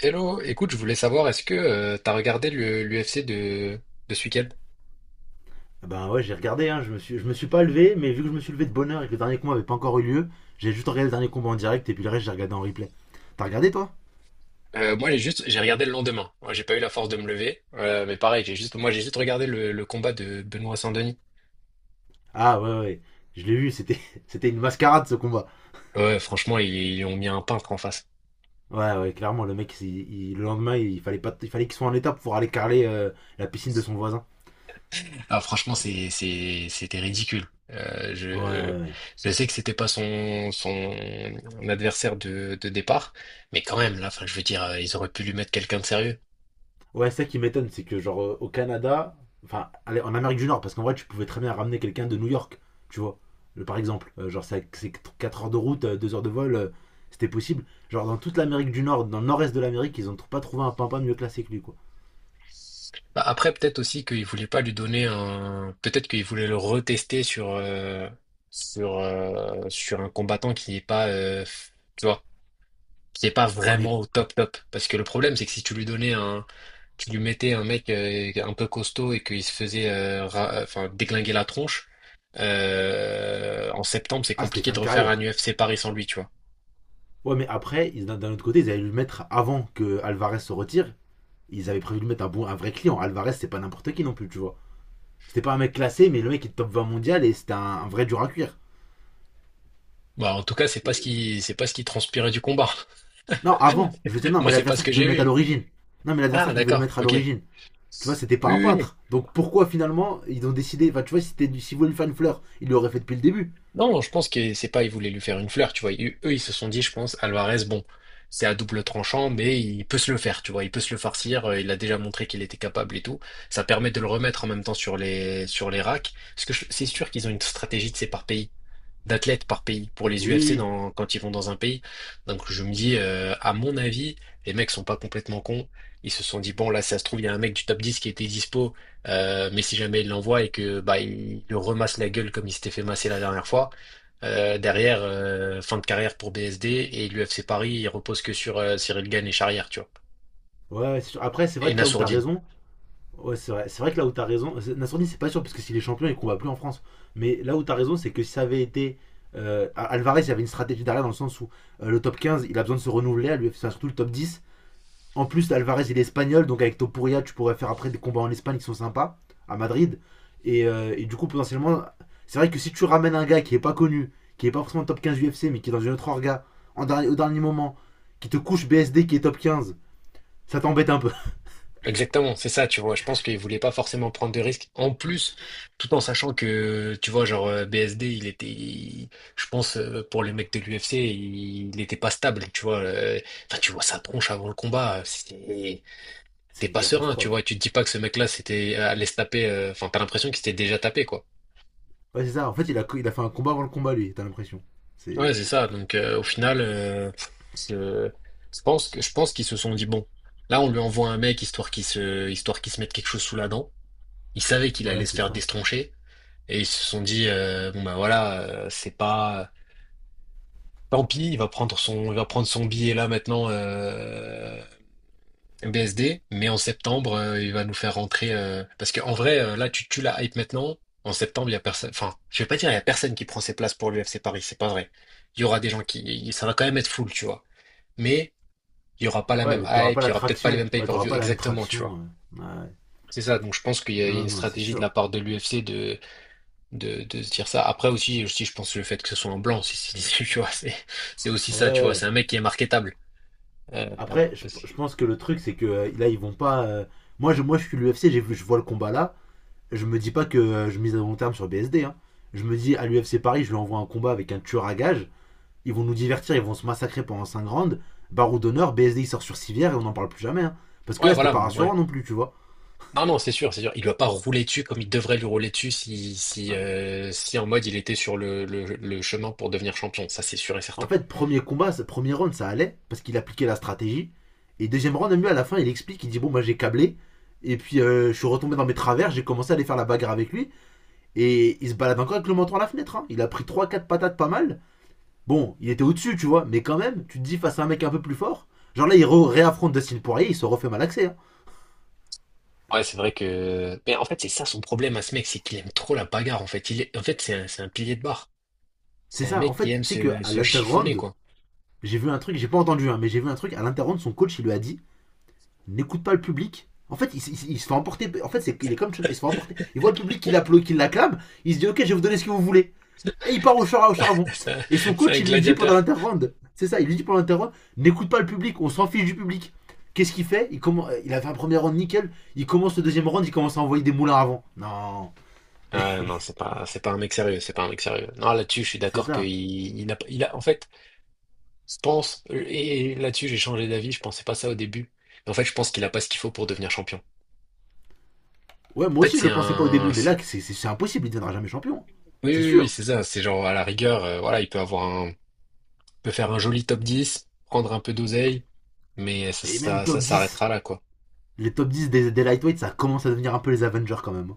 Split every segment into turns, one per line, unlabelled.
Hello, écoute, je voulais savoir, est-ce que tu t'as regardé l'UFC de ce week-end?
Ben ouais, j'ai regardé, hein, je me suis pas levé, mais vu que je me suis levé de bonne heure et que le dernier combat avait pas encore eu lieu, j'ai juste regardé le dernier combat en direct et puis le reste j'ai regardé en replay. T'as regardé toi?
Moi, j'ai regardé le lendemain. Moi, j'ai pas eu la force de me lever, mais pareil, j'ai juste regardé le combat de Benoît Saint-Denis.
Ah ouais ouais, je l'ai vu, c'était c'était une mascarade ce combat.
Ouais, franchement, ils ont mis un peintre en face.
Ouais ouais, clairement le mec, le lendemain il fallait pas, il fallait qu'il soit en état pour aller carrer la piscine de son voisin.
Ah, franchement, c'était ridicule. Euh,
Ouais
je,
ouais. Ouais.
je sais que c'était pas son adversaire de départ, mais quand même, là, enfin, je veux dire, ils auraient pu lui mettre quelqu'un de sérieux.
Ouais, ça qui m'étonne, c'est que genre au Canada, enfin allez, en Amérique du Nord, parce qu'en vrai tu pouvais très bien ramener quelqu'un de New York, tu vois, par exemple, genre c'est 4 heures de route, 2 heures de vol, c'était possible. Genre dans toute l'Amérique du Nord, dans le nord-est de l'Amérique, ils ont pas trouvé un pimpin mieux classé que lui, quoi.
Bah, après, peut-être aussi qu'il voulait pas lui donner un. Peut-être qu'il voulait le retester sur un combattant qui n'est pas, tu vois, qui n'est pas
Ouais, mais
vraiment au top top. Parce que le problème, c'est que si tu lui donnais un, tu lui mettais un mec un peu costaud et qu'il se faisait, enfin, déglinguer la tronche, en septembre, c'est
ah, c'était
compliqué
fin
de
de
refaire un
carrière.
UFC Paris sans lui, tu vois.
Ouais, mais après, d'un autre côté, ils allaient le mettre avant que Alvarez se retire. Ils avaient prévu de mettre un, bon, un vrai client. Alvarez, c'est pas n'importe qui non plus, tu vois. C'était pas un mec classé, mais le mec est top 20 mondial et c'était un vrai dur à cuire.
Bah, en tout cas, c'est pas ce qui transpirait du combat.
Non, avant. Je veux dire, non,
Moi,
mais
c'est pas ce
l'adversaire
que
qui devait
j'ai
le mettre à
vu.
l'origine. Non, mais
Ah,
l'adversaire qui devait le
d'accord,
mettre à
ok.
l'origine. Tu vois, c'était pas un
Oui, oui.
peintre. Donc pourquoi finalement ils ont décidé. Enfin, tu vois, si c'était du. S'ils voulaient lui faire une fleur, ils l'auraient fait depuis le début.
Non, je pense que c'est pas, ils voulaient lui faire une fleur, tu vois. Eux, ils se sont dit, je pense, Alvarez, bon, c'est à double tranchant, mais il peut se le faire, tu vois. Il peut se le farcir. Il a déjà montré qu'il était capable et tout. Ça permet de le remettre en même temps sur les racks. Parce que c'est sûr qu'ils ont une stratégie, de c'est par pays, d'athlètes par pays, pour les
Oui,
UFC
oui.
dans, quand ils vont dans un pays. Donc, je me dis, à mon avis, les mecs sont pas complètement cons. Ils se sont dit, bon, là, ça se trouve, il y a un mec du top 10 qui était dispo, mais si jamais il l'envoie et que, bah, il le remasse la gueule comme il s'était fait masser la dernière fois, derrière, fin de carrière pour BSD et l'UFC Paris, il repose que sur Cyril Gane et Charrière, tu vois.
Ouais, ouais, c'est sûr. Après, c'est
Et
vrai que là où t'as
Nassourdine.
raison. Ouais, c'est vrai. C'est vrai que là où t'as raison. Nassourdine, c'est pas sûr, parce que s'il est champion, il combat plus en France. Mais là où t'as raison, c'est que si ça avait été. Alvarez, il y avait une stratégie derrière dans le sens où le top 15, il a besoin de se renouveler, à lui, enfin, surtout le top 10. En plus, Alvarez, il est espagnol, donc avec Topuria, tu pourrais faire après des combats en Espagne qui sont sympas, à Madrid. Et du coup, potentiellement, c'est vrai que si tu ramènes un gars qui est pas connu, qui est pas forcément top 15 UFC, mais qui est dans une autre orga, au dernier moment, qui te couche BSD qui est top 15, ça t'embête un peu.
Exactement, c'est ça, tu vois. Je pense qu'il voulait pas forcément prendre de risques. En plus, tout en sachant que, tu vois, genre BSD, il était, je pense, pour les mecs de l'UFC, il n'était pas stable, tu vois. Enfin, tu vois sa tronche avant le combat. C'est
C'est
t'es
une
pas serein, tu vois, et
catastrophe.
tu te dis pas que ce mec-là c'était allait se taper, enfin t'as l'impression qu'il s'était déjà tapé, quoi.
Ouais, c'est ça. En fait, il a fait un combat avant le combat, lui, t'as l'impression.
Ouais,
C'est.
c'est ça. Donc au final, je, je pense qu'ils se sont dit bon, là on lui envoie un mec histoire qu'il se mette quelque chose sous la dent. Ils savaient qu'il
Ouais,
allait se
c'est
faire
ça.
destroncher et ils se sont dit bon bah voilà, c'est pas tant pis, il va prendre son billet là maintenant. BSD, mais en septembre, il va nous faire rentrer. Parce qu'en vrai, là, tu tues la hype maintenant. En septembre, il y a personne. Enfin, je vais pas dire il y a personne qui prend ses places pour l'UFC Paris, c'est pas vrai. Il y aura des gens qui. Ça va quand même être full, tu vois. Mais il y aura pas la
Ouais,
même
mais t'auras pas
hype, il
la
y aura peut-être pas les
traction.
mêmes
Ouais, t'auras
pay-per-view
pas la même
exactement, tu vois.
traction. Ouais.
C'est ça. Donc je pense qu'il y a
Non,
une
non, c'est
stratégie de la
sûr.
part de l'UFC de, de se dire ça. Après aussi, je pense le fait que ce soit en blanc, si tu vois, c'est aussi ça, tu vois. C'est
Ouais.
un mec qui est marketable. Euh,
Après,
parce
je
que-
pense que le truc, c'est que là, ils vont pas. Je suis l'UFC, j'ai vu, je vois le combat là. Je me dis pas que je mise à long terme sur BSD, hein. Je me dis à l'UFC Paris, je lui envoie un combat avec un tueur à gage. Ils vont nous divertir, ils vont se massacrer pendant 5 rounds. Barreau d'honneur, BSD il sort sur civière et on n'en parle plus jamais, hein. Parce que
Ouais,
là, c'était
voilà.
pas
Moi,
rassurant non plus, tu vois.
non, non, c'est sûr, c'est sûr. Il doit pas rouler dessus comme il devrait lui rouler dessus si, si,
Non, mais-
euh, si en mode il était sur le chemin pour devenir champion. Ça, c'est sûr et
En
certain.
fait, premier combat, premier round, ça allait parce qu'il appliquait la stratégie. Et deuxième round, mieux à la fin, il explique, il dit: bon, bah, j'ai câblé. Et puis, je suis retombé dans mes travers, j'ai commencé à aller faire la bagarre avec lui. Et il se balade encore avec le menton à la fenêtre, hein. Il a pris 3 quatre patates pas mal. Bon, il était au-dessus, tu vois. Mais quand même, tu te dis face à un mec un peu plus fort. Genre là, réaffronte Dustin Poirier, il se refait malaxer, hein.
Ouais, c'est vrai que. Mais en fait, c'est ça son problème à ce mec, c'est qu'il aime trop la bagarre, en fait. Il est... En fait, c'est un pilier de barre.
C'est
C'est un
ça. En
mec qui
fait,
aime
tu sais qu'à
se chiffonner,
l'interround,
quoi.
j'ai vu un truc, j'ai pas entendu, hein, mais j'ai vu un truc. À l'interround, son coach, il lui a dit n'écoute pas le public. En fait, il se fait emporter. En fait, c'est, il est comme. Il se fait emporter. Il voit le public qui l'acclame. Il se dit ok, je vais vous donner ce que vous voulez. Et il part au charbon.
C'est un
Et son
c'est un
coach, il lui dit pendant
gladiateur.
l'interround, c'est ça, il lui dit pendant l'interround, n'écoute pas le public, on s'en fiche du public. Qu'est-ce qu'il fait commence, il a fait un premier round nickel, il commence le deuxième round, il commence à envoyer des moulins avant. Non,
Ah non, c'est pas un mec sérieux, c'est pas un mec sérieux. Non, là-dessus, je suis
c'est
d'accord qu'il
ça.
il n'a pas- il a, en fait, je pense, et là-dessus, j'ai changé d'avis, je pensais pas ça au début. En fait, je pense qu'il a pas ce qu'il faut pour devenir champion.
Ouais,
En
moi
fait,
aussi je
c'est
le pensais pas au
un.
début, mais là c'est, impossible, il deviendra jamais champion.
Oui,
C'est
oui, oui,
sûr.
c'est ça. C'est genre à la rigueur, voilà, il peut avoir un, peut faire un joli top 10, prendre un peu d'oseille, mais
Et même
ça
top 10,
s'arrêtera là, quoi.
les top 10 des lightweights, ça commence à devenir un peu les Avengers quand même.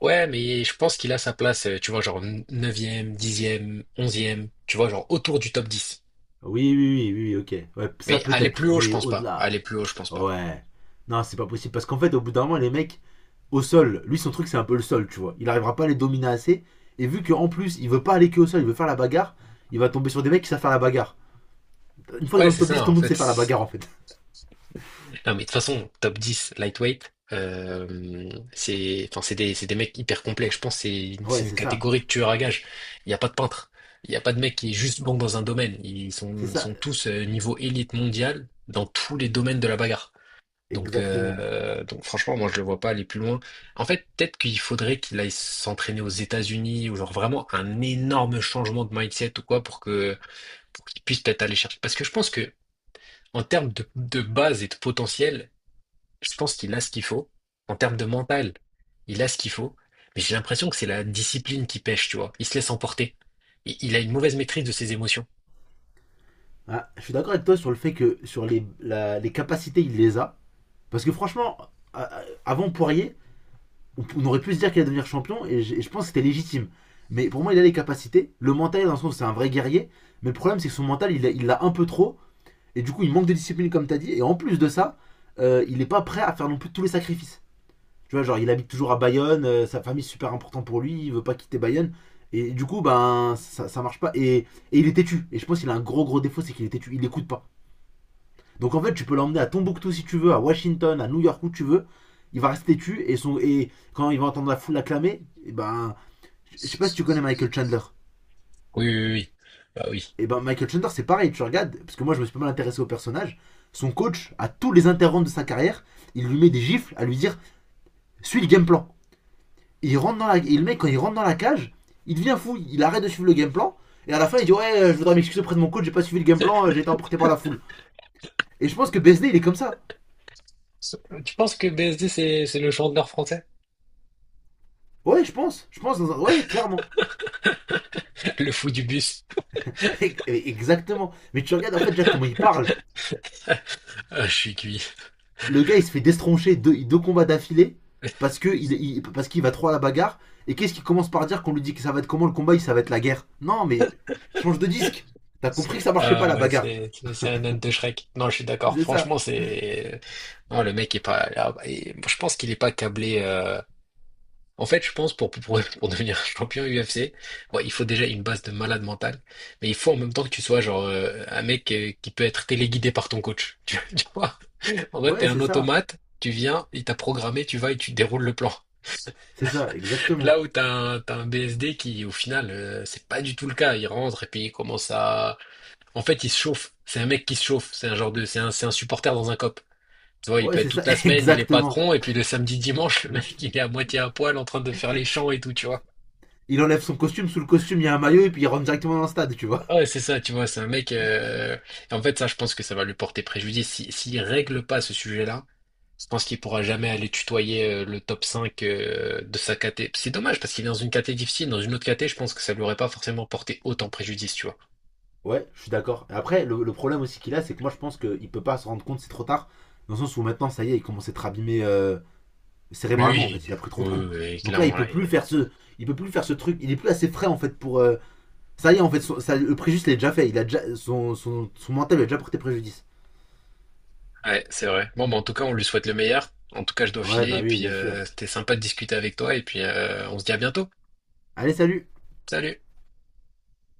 Ouais, mais je pense qu'il a sa place, tu vois, genre neuvième, dixième, onzième, tu vois, genre autour du top 10.
Oui, oui, oui, oui, ok. Ouais, ça
Mais aller plus
peut-être,
haut, je
mais
pense pas.
au-delà.
Aller plus haut, je pense pas.
Ouais. Non, c'est pas possible. Parce qu'en fait, au bout d'un moment, les mecs, au sol, lui, son truc, c'est un peu le sol, tu vois. Il arrivera pas à les dominer assez. Et vu qu'en plus, il veut pas aller que au sol, il veut faire la bagarre, il va tomber sur des mecs qui savent faire la bagarre. Une fois que
Ouais,
dans le
c'est
top 10
ça,
tout
en
le monde sait faire la
fait.
bagarre, en fait.
Non, mais de toute façon, top 10 lightweight, c'est, enfin, c'est des mecs hyper complets. Je pense que c'est une, c'est
Ouais,
une
c'est ça.
catégorie de tueurs à gages. Il n'y a pas de peintre. Il n'y a pas de mec qui est juste bon dans un domaine. Ils
C'est
sont,
ça,
sont tous niveau élite mondiale dans tous les domaines de la bagarre. Donc,
exactement.
euh, donc franchement, moi, je le vois pas aller plus loin. En fait, peut-être qu'il faudrait qu'il aille s'entraîner aux États-Unis ou genre vraiment un énorme changement de mindset ou quoi pour qu'il puisse peut-être aller chercher. Parce que je pense que, en termes de base et de potentiel, je pense qu'il a ce qu'il faut en termes de mental. Il a ce qu'il faut, mais j'ai l'impression que c'est la discipline qui pêche, tu vois. Il se laisse emporter. Il a une mauvaise maîtrise de ses émotions.
Ah, je suis d'accord avec toi sur le fait que sur les capacités, il les a. Parce que franchement, euh, avant Poirier, on, aurait pu se dire qu'il allait devenir champion et et je pense que c'était légitime. Mais pour moi, il a les capacités. Le mental, dans le sens, c'est un vrai guerrier. Mais le problème, c'est que son mental, il l'a un peu trop. Et du coup, il manque de discipline, comme tu as dit. Et en plus de ça, il n'est pas prêt à faire non plus tous les sacrifices. Tu vois, genre, il habite toujours à Bayonne. Sa famille, est super importante pour lui. Il veut pas quitter Bayonne. Et du coup, ben, ça marche pas. Et il est têtu. Et je pense qu'il a un gros, gros défaut, c'est qu'il est têtu. Il n'écoute pas. Donc en fait, tu peux l'emmener à Tombouctou si tu veux, à Washington, à New York où tu veux. Il va rester tu et, son, et quand il va entendre la foule l'acclamer, et ben, je sais pas si tu connais Michael Chandler.
Oui, oui, oui. Bah oui.
Et ben Michael Chandler, c'est pareil, tu regardes, parce que moi je me suis pas mal intéressé au personnage. Son coach, à tous les interromps de sa carrière, il lui met des gifles à lui dire suis le game plan. Il rentre dans la, et le mec, quand il rentre dans la cage, il devient fou, il arrête de suivre le game plan. Et à la fin, il dit ouais, je voudrais m'excuser auprès de mon coach, j'ai pas suivi le game plan, j'ai été emporté par la foule. Et je pense que BSD, il est comme ça.
Tu penses que BSD, c'est le chanteur français?
Ouais, je pense, dans un- ouais, clairement.
Le fou du bus.
Exactement. Mais tu regardes en fait Jack comment il parle.
Ah, je suis cuit.
Le gars il se fait destroncher 2 combats d'affilée parce que parce qu'il va trop à la bagarre. Et qu'est-ce qu'il commence par dire qu'on lui dit que ça va être comment le combat, il ça va être la guerre. Non mais change de disque. T'as compris que ça marchait pas
Ah,
la
ouais,
bagarre.
c'est un âne de Shrek. Non, je suis d'accord.
C'est ça.
Franchement, c'est... Non, le mec est pas... ah, bah, je pense qu'il est pas câblé... En fait, je pense pour, devenir un champion UFC, bon, il faut déjà une base de malade mental, mais il faut en même temps que tu sois genre un mec qui peut être téléguidé par ton coach. Tu vois? En fait, t'es
Ouais
un
c'est ça.
automate, tu viens, il t'a programmé, tu vas et tu déroules le plan.
C'est ça exactement.
Là où t'as un, BSD qui, au final, c'est pas du tout le cas. Il rentre et puis il commence à... En fait, il se chauffe. C'est un mec qui se chauffe. C'est un genre de... C'est un supporter dans un cop. Tu vois, il
Ouais
peut être
c'est ça
toute la semaine, il est
exactement.
patron, et puis le samedi, dimanche, le mec, il est à moitié à poil en train de faire les champs et tout, tu vois.
Il enlève son costume, sous le costume il y a un maillot et puis il rentre directement dans le stade, tu vois.
Ouais, c'est ça, tu vois, c'est un mec. En fait, ça, je pense que ça va lui porter préjudice. Si, s'il règle pas ce sujet-là, je pense qu'il pourra jamais aller tutoyer le top 5 de sa caté. C'est dommage parce qu'il est dans une caté difficile. Dans une autre caté, je pense que ça lui aurait pas forcément porté autant préjudice, tu vois.
Ouais, je suis d'accord. Et après, le problème aussi qu'il a, c'est que moi je pense qu'il peut pas se rendre compte, c'est trop tard. Dans le sens où maintenant, ça y est, il commence à être abîmé
Oui,
cérébralement en
oui,
fait, il a pris trop
oui,
de coups.
oui, oui,
Donc là, il
clairement
peut
là.
plus
Il
faire ce, il peut plus faire ce truc. Il est plus assez frais en fait pour. Ça y est en fait, le préjudice il est déjà fait. Il a déjà son mental lui a déjà porté préjudice.
Ouais, c'est vrai. Bon, bah, en tout cas, on lui souhaite le meilleur. En tout cas, je dois
Ouais,
filer
bah
et
oui,
puis
bien sûr.
c'était sympa de discuter avec toi et puis on se dit à bientôt.
Allez, salut.
Salut.